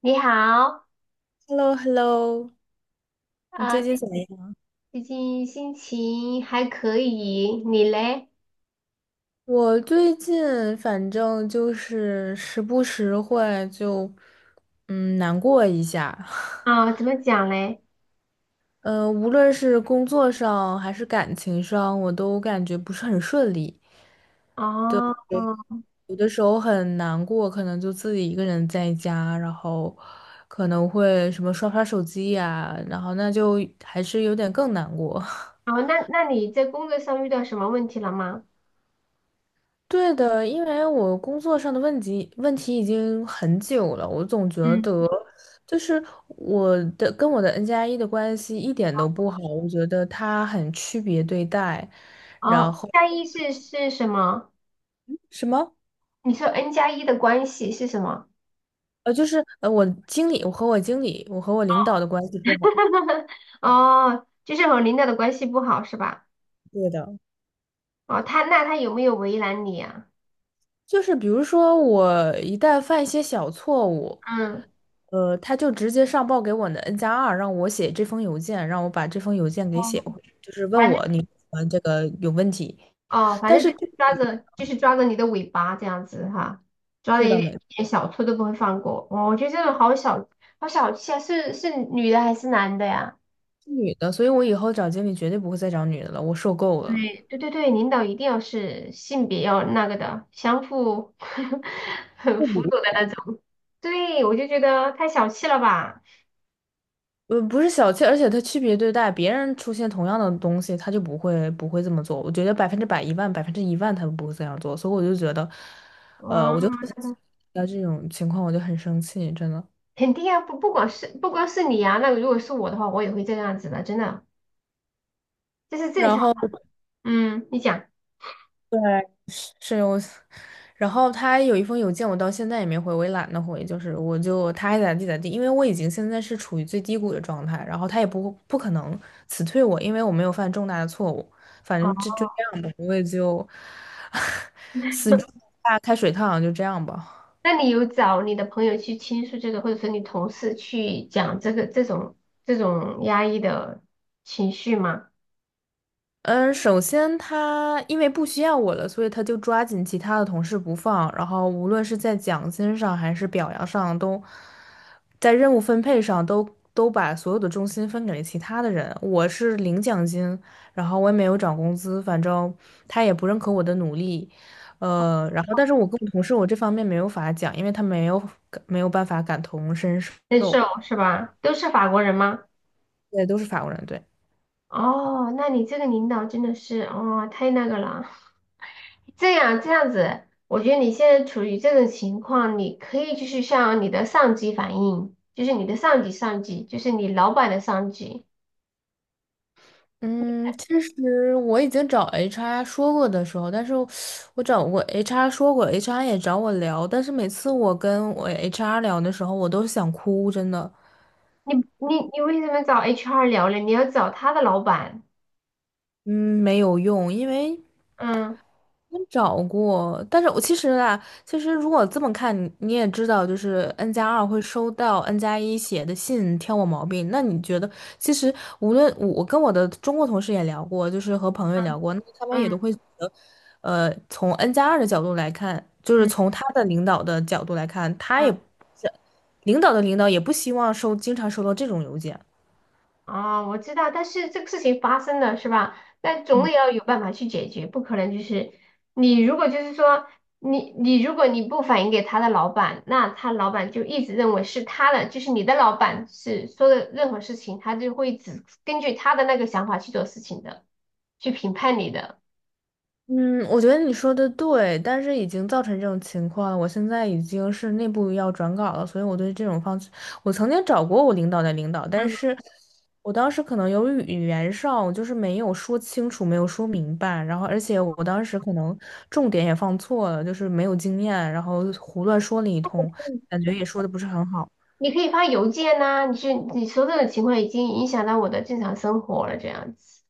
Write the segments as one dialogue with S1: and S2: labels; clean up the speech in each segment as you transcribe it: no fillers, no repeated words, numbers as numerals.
S1: 你好。
S2: Hello,Hello,你
S1: 啊、
S2: 最近
S1: 这
S2: 怎么样？
S1: 最近心情还可以，你嘞？
S2: 我最近反正就是时不时会就，难过一下。
S1: 怎么讲嘞？
S2: 嗯，无论是工作上还是感情上，我都感觉不是很顺利。
S1: 哦。
S2: 有的时候很难过，可能就自己一个人在家，然后可能会什么刷刷手机呀，然后那就还是有点更难过。
S1: 哦，那你在工作上遇到什么问题了吗？
S2: 对的，因为我工作上的问题已经很久了，我总觉
S1: 嗯。
S2: 得就是跟我的 N 加一的关系一点都不好，我觉得他很区别对待。然
S1: 哦，
S2: 后
S1: 加一是什么？
S2: 什么？
S1: 你说 N 加一的关系是什么？
S2: 就是我经理，我和我经理，我和我领导的关系不好。
S1: 哦，就是和领导的关系不好是吧？
S2: 对的，
S1: 哦，他有没有为难你啊？
S2: 就是比如说我一旦犯一些小错误。
S1: 嗯。
S2: 他就直接上报给我的 N 加二，让我写这封邮件，让我把这封邮件给写
S1: 哦，
S2: 回去，就是问
S1: 反正
S2: 我你这个有问题。
S1: 哦，反
S2: 但
S1: 正就
S2: 是
S1: 是
S2: 这
S1: 抓着，你的尾巴这样子哈，抓着
S2: 是
S1: 一
S2: 的，
S1: 点
S2: 没
S1: 一点小错都不会放过。哦，我觉得这种好小，好小气啊！是女的还是男的呀？
S2: 是女的，所以我以后找经理绝对不会再找女的了，我受够了。
S1: 对对对对，领导一定要是性别要那个的，相互 很辅佐的那种。对，我就觉得太小气了吧？
S2: 不是小气，而且他区别对待，别人出现同样的东西，他就不会这么做。我觉得100%，一万，10000%他都不会这样做，所以我就觉得，我就遇
S1: 嗯。
S2: 到这种情况我就很生气，真的。
S1: 肯定啊，不光是你啊，那如果是我的话，我也会这样子的，真的，这是正
S2: 然
S1: 常。
S2: 后。
S1: 嗯，你讲。
S2: 对，是我，然后他有一封邮件，我到现在也没回，我也懒得回，就是我就他爱咋地咋地，因为我已经现在是处于最低谷的状态，然后他也不可能辞退我，因为我没有犯重大的错误，反
S1: 啊。
S2: 正就这样吧，我也就 死猪不怕开水烫，就这样吧。
S1: 那你有找你的朋友去倾诉这个，或者说你同事去讲这种压抑的情绪吗？
S2: 嗯，首先他因为不需要我了，所以他就抓紧其他的同事不放，然后无论是在奖金上还是表扬上，都在任务分配上都把所有的重心分给了其他的人。我是领奖金，然后我也没有涨工资，反正他也不认可我的努力，然后但是我跟我同事我这方面没有法讲，因为他没有办法感同身
S1: 难
S2: 受，
S1: 受是吧？都是法国人吗？
S2: 对，都是法国人，对。
S1: 哦，那你这个领导真的是哦，太那个了。这样子，我觉得你现在处于这种情况，你可以就是向你的上级反映，就是你的上级，就是你老板的上级。
S2: 嗯，其实我已经找 HR 说过的时候，但是我找过 HR 说过，HR 也找我聊，但是每次我跟我 HR 聊的时候，我都想哭，真的，
S1: 你为什么找 HR 聊呢？你要找他的老板。
S2: 嗯，没有用，因为
S1: 嗯
S2: 我找过，但是我其实啊，其实如果这么看，你也知道，就是 N 加二会收到 N 加一写的信挑我毛病。那你觉得，其实无论我跟我的中国同事也聊过，就是和朋友也
S1: 嗯
S2: 聊过，那他们也
S1: 嗯
S2: 都会觉得，从 N 加二的角度来看，就是
S1: 嗯
S2: 从他的领导的角度来看，他
S1: 嗯。
S2: 也不是领导的领导也不希望经常收到这种邮件。
S1: 哦，我知道，但是这个事情发生了是吧？那总得要有办法去解决，不可能就是你如果就是说你如果你不反映给他的老板，那他老板就一直认为是他的，就是你的老板是说的任何事情，他就会只根据他的那个想法去做事情的，去评判你的。
S2: 嗯，我觉得你说的对，但是已经造成这种情况了。我现在已经是内部要转岗了，所以我对这种方式，我曾经找过我领导的领导，
S1: 嗯，
S2: 但是我当时可能由于语言上我就是没有说清楚，没有说明白，然后而且我当时可能重点也放错了，就是没有经验，然后胡乱说了一通，感觉也说的不是很好，
S1: 你可以发邮件呐、你说这种情况已经影响到我的正常生活了，这样子。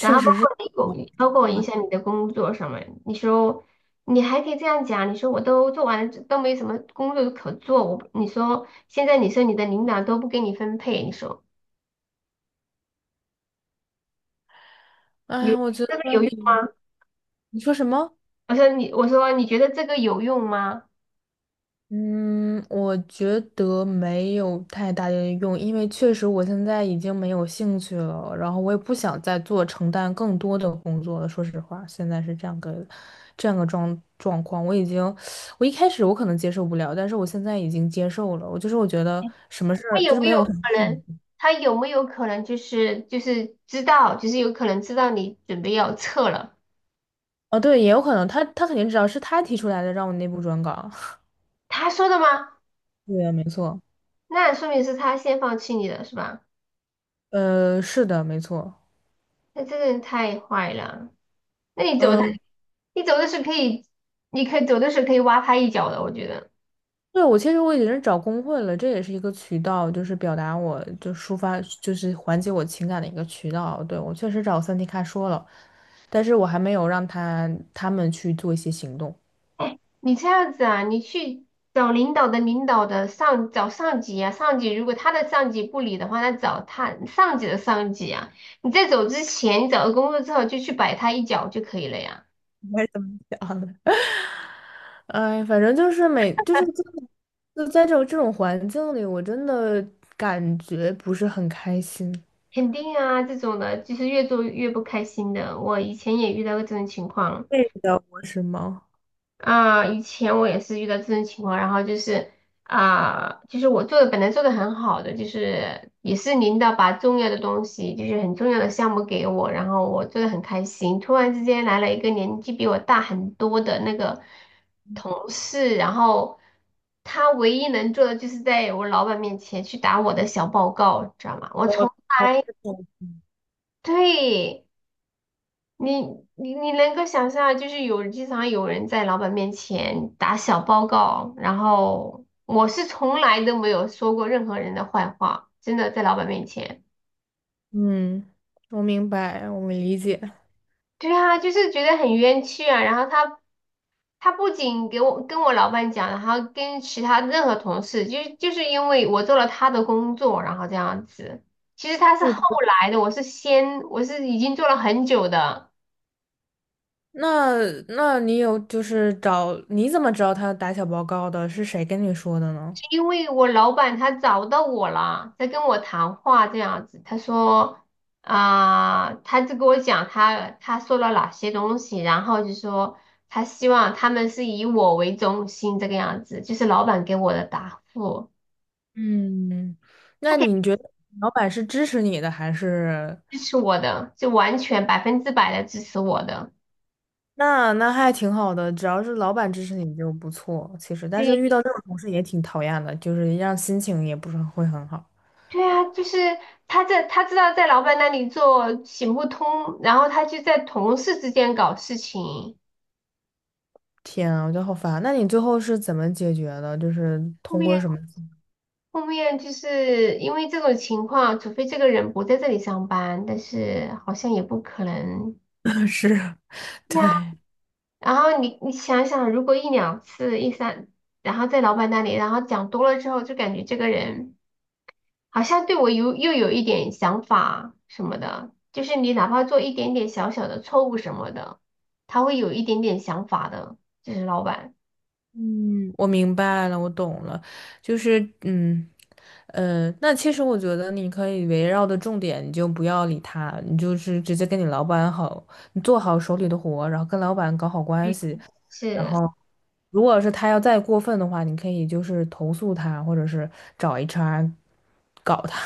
S1: 然后，
S2: 实是。
S1: 包括影响你的工作上面，你说你还可以这样讲，你说我都做完了，都没什么工作可做，你说现在你说你的领导都不给你分配，你说
S2: 哎
S1: 你觉
S2: 呀，
S1: 得
S2: 我觉
S1: 这个
S2: 得
S1: 有用
S2: 你
S1: 吗？
S2: 你说什么？
S1: 我说你觉得这个有用吗？
S2: 嗯，我觉得没有太大的用，因为确实我现在已经没有兴趣了，然后我也不想再做承担更多的工作了。说实话，现在是这样个状况，我已经，我一开始我可能接受不了，但是我现在已经接受了。我就是我觉得什么事
S1: 他
S2: 儿就
S1: 有
S2: 是
S1: 没
S2: 没
S1: 有
S2: 有很
S1: 可能？他有没有可能就是知道，就是有可能知道你准备要撤了？
S2: 哦，对，也有可能他肯定知道是他提出来的，让我内部转岗。
S1: 他说的吗？
S2: 对啊，没错，
S1: 那说明是他先放弃你的是吧？
S2: 是的，没错。
S1: 那这个人太坏了。那你走的，
S2: 嗯。
S1: 你走的时候可以，你可以走的时候可以挖他一脚的，我觉得。
S2: 对，我其实我已经是找工会了，这也是一个渠道，就是表达我就抒发，就是缓解我情感的一个渠道。对，我确实找三 D 卡说了，但是我还没有让他们去做一些行动。
S1: 你这样子啊，你去找领导的领导的上，找上级啊，上级如果他的上级不理的话，那找他上级的上级啊。你在走之前，你找到工作之后就去摆他一脚就可以了呀。
S2: 我也这么想的。哎，反正就是就是这种就在这种环境里，我真的感觉不是很开心，
S1: 肯定啊，这种的就是越做越不开心的。我以前也遇到过这种情况。
S2: 对的，我是吗？
S1: 以前我也是遇到这种情况，就是我做的本来做的很好的，就是也是领导把重要的东西，就是很重要的项目给我，然后我做的很开心。突然之间来了一个年纪比我大很多的那个同事，然后他唯一能做的就是在我老板面前去打我的小报告，知道吗？我从对。你你能够想象，就是有经常有人在老板面前打小报告，然后我是从来都没有说过任何人的坏话，真的在老板面前。
S2: 嗯，我明白，我理解。
S1: 对啊，就是觉得很冤屈啊。然后他不仅给我跟我老板讲，然后跟其他任何同事，因为我做了他的工作，然后这样子。其实他是后
S2: 我。
S1: 来的，我是已经做了很久的。
S2: 那那你有就是找，你怎么知道他打小报告的？是谁跟你说的呢？
S1: 是因为我老板他找到我了，在跟我谈话这样子。他说他就跟我讲他说了哪些东西，然后就说他希望他们是以我为中心这个样子，就是老板给我的答复，
S2: 嗯，
S1: 他
S2: 那
S1: 肯
S2: 你
S1: 定
S2: 觉得老板是支持你的还是？
S1: 支持我的，就完全百分之百的支持我的。
S2: 那还挺好的，只要是老板支持你就不错。其实，但是遇
S1: 对，
S2: 到这种同事也挺讨厌的，就是让心情也不是会很好。
S1: 对啊，就是他在他知道在老板那里做行不通，然后他就在同事之间搞事情。
S2: 天啊，我觉得好烦啊。那你最后是怎么解决的？就是
S1: 后
S2: 通
S1: 面。
S2: 过什么
S1: 后面就是因为这种情况，除非这个人不在这里上班，但是好像也不可能。
S2: 是，对。
S1: 对啊，然后你你想想，如果一两次、一三，然后在老板那里，然后讲多了之后，就感觉这个人好像对我又有一点想法什么的，就是你哪怕做一点点小小的错误什么的，他会有一点点想法的，就是老板。
S2: 嗯，我明白了，我懂了，就是嗯，那其实我觉得你可以围绕的重点，你就不要理他，你就是直接跟你老板好，你做好手里的活，然后跟老板搞好关
S1: 嗯，
S2: 系，然
S1: 是，
S2: 后如果是他要再过分的话，你可以就是投诉他，或者是找 HR 搞他，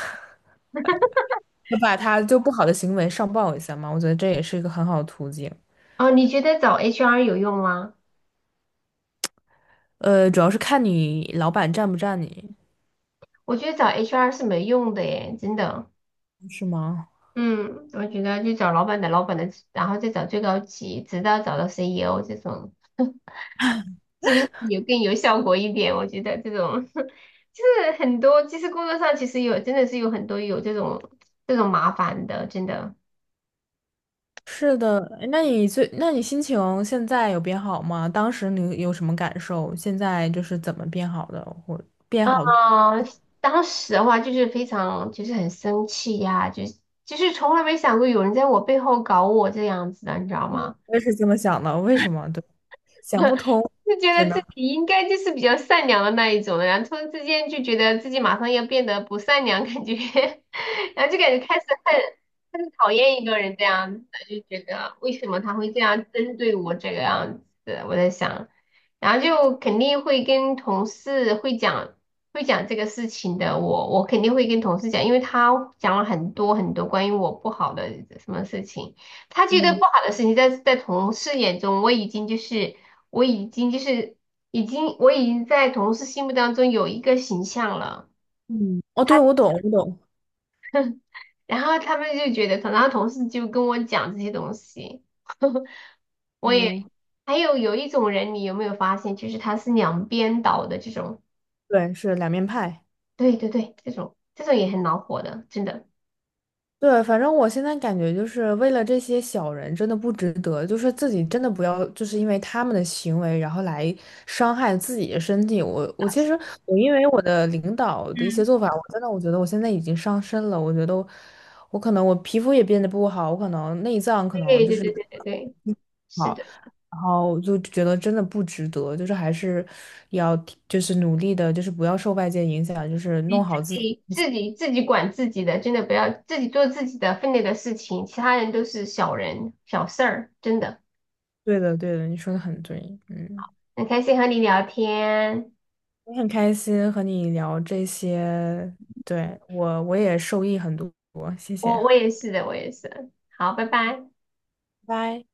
S2: 就把他就不好的行为上报一下嘛，我觉得这也是一个很好的途径。
S1: 哦，你觉得找 HR 有用吗？
S2: 主要是看你老板站不站你，
S1: 我觉得找 HR 是没用的耶，真的。
S2: 是吗？
S1: 嗯，我觉得就找老板的老板的，然后再找最高级，直到找到 CEO 这种，是不是有更有效果一点？我觉得这种 就是很多，其实工作上其实有真的是有很多有这种这种麻烦的，真的。
S2: 是的，诶那你最，那你心情现在有变好吗？当时你有什么感受？现在就是怎么变好的？或变
S1: 啊，
S2: 好，
S1: 当时的话就是非常就是很生气呀，就是从来没想过有人在我背后搞我这样子的，你知道吗？
S2: 我也是这么想的。为什么？对，想 不通，
S1: 就觉
S2: 真
S1: 得自
S2: 的。
S1: 己应该就是比较善良的那一种的，然后突然之间就觉得自己马上要变得不善良，感觉，然后就感觉开始恨，开始讨厌一个人这样子，就觉得为什么他会这样针对我这个样子，我在想，然后就肯定会跟同事会讲，会讲这个事情的，我肯定会跟同事讲，因为他讲了很多很多关于我不好的什么事情。他觉得不
S2: 嗯
S1: 好的事情在同事眼中，我已经就是我已经就是我已经在同事心目当中有一个形象了，
S2: 嗯，哦，对，
S1: 他
S2: 我懂，我懂。
S1: 然后他们就觉得，然后同事就跟我讲这些东西，我也
S2: 嗯，
S1: 还有一种人，你有没有发现，就是他是两边倒的这种，
S2: 对，是两面派。
S1: 对对对，这种这种也很恼火的，真的，
S2: 对，反正我现在感觉就是为了这些小人真的不值得，就是自己真的不要，就是因为他们的行为，然后来伤害自己的身体。我我其实我因为我的领导的一些
S1: 嗯，
S2: 做法，我真的我觉得我现在已经伤身了。我觉得我我可能我皮肤也变得不好，我可能内脏可能
S1: 对对
S2: 就是
S1: 对对对对，
S2: 不
S1: 是
S2: 好，
S1: 的。
S2: 然后我就觉得真的不值得，就是还是要就是努力的，就是不要受外界影响，就是
S1: 你
S2: 弄
S1: 自
S2: 好自己。
S1: 己自己自己管自己的，真的不要自己做自己的分内的事情，其他人都是小人小事儿，真的。
S2: 对的，对的，你说的很对，嗯。
S1: 很开心和你聊天，
S2: 我很开心和你聊这些，对，我也受益很多，谢谢，
S1: 我
S2: 拜
S1: 也是的，我也是。好，拜拜。
S2: 拜。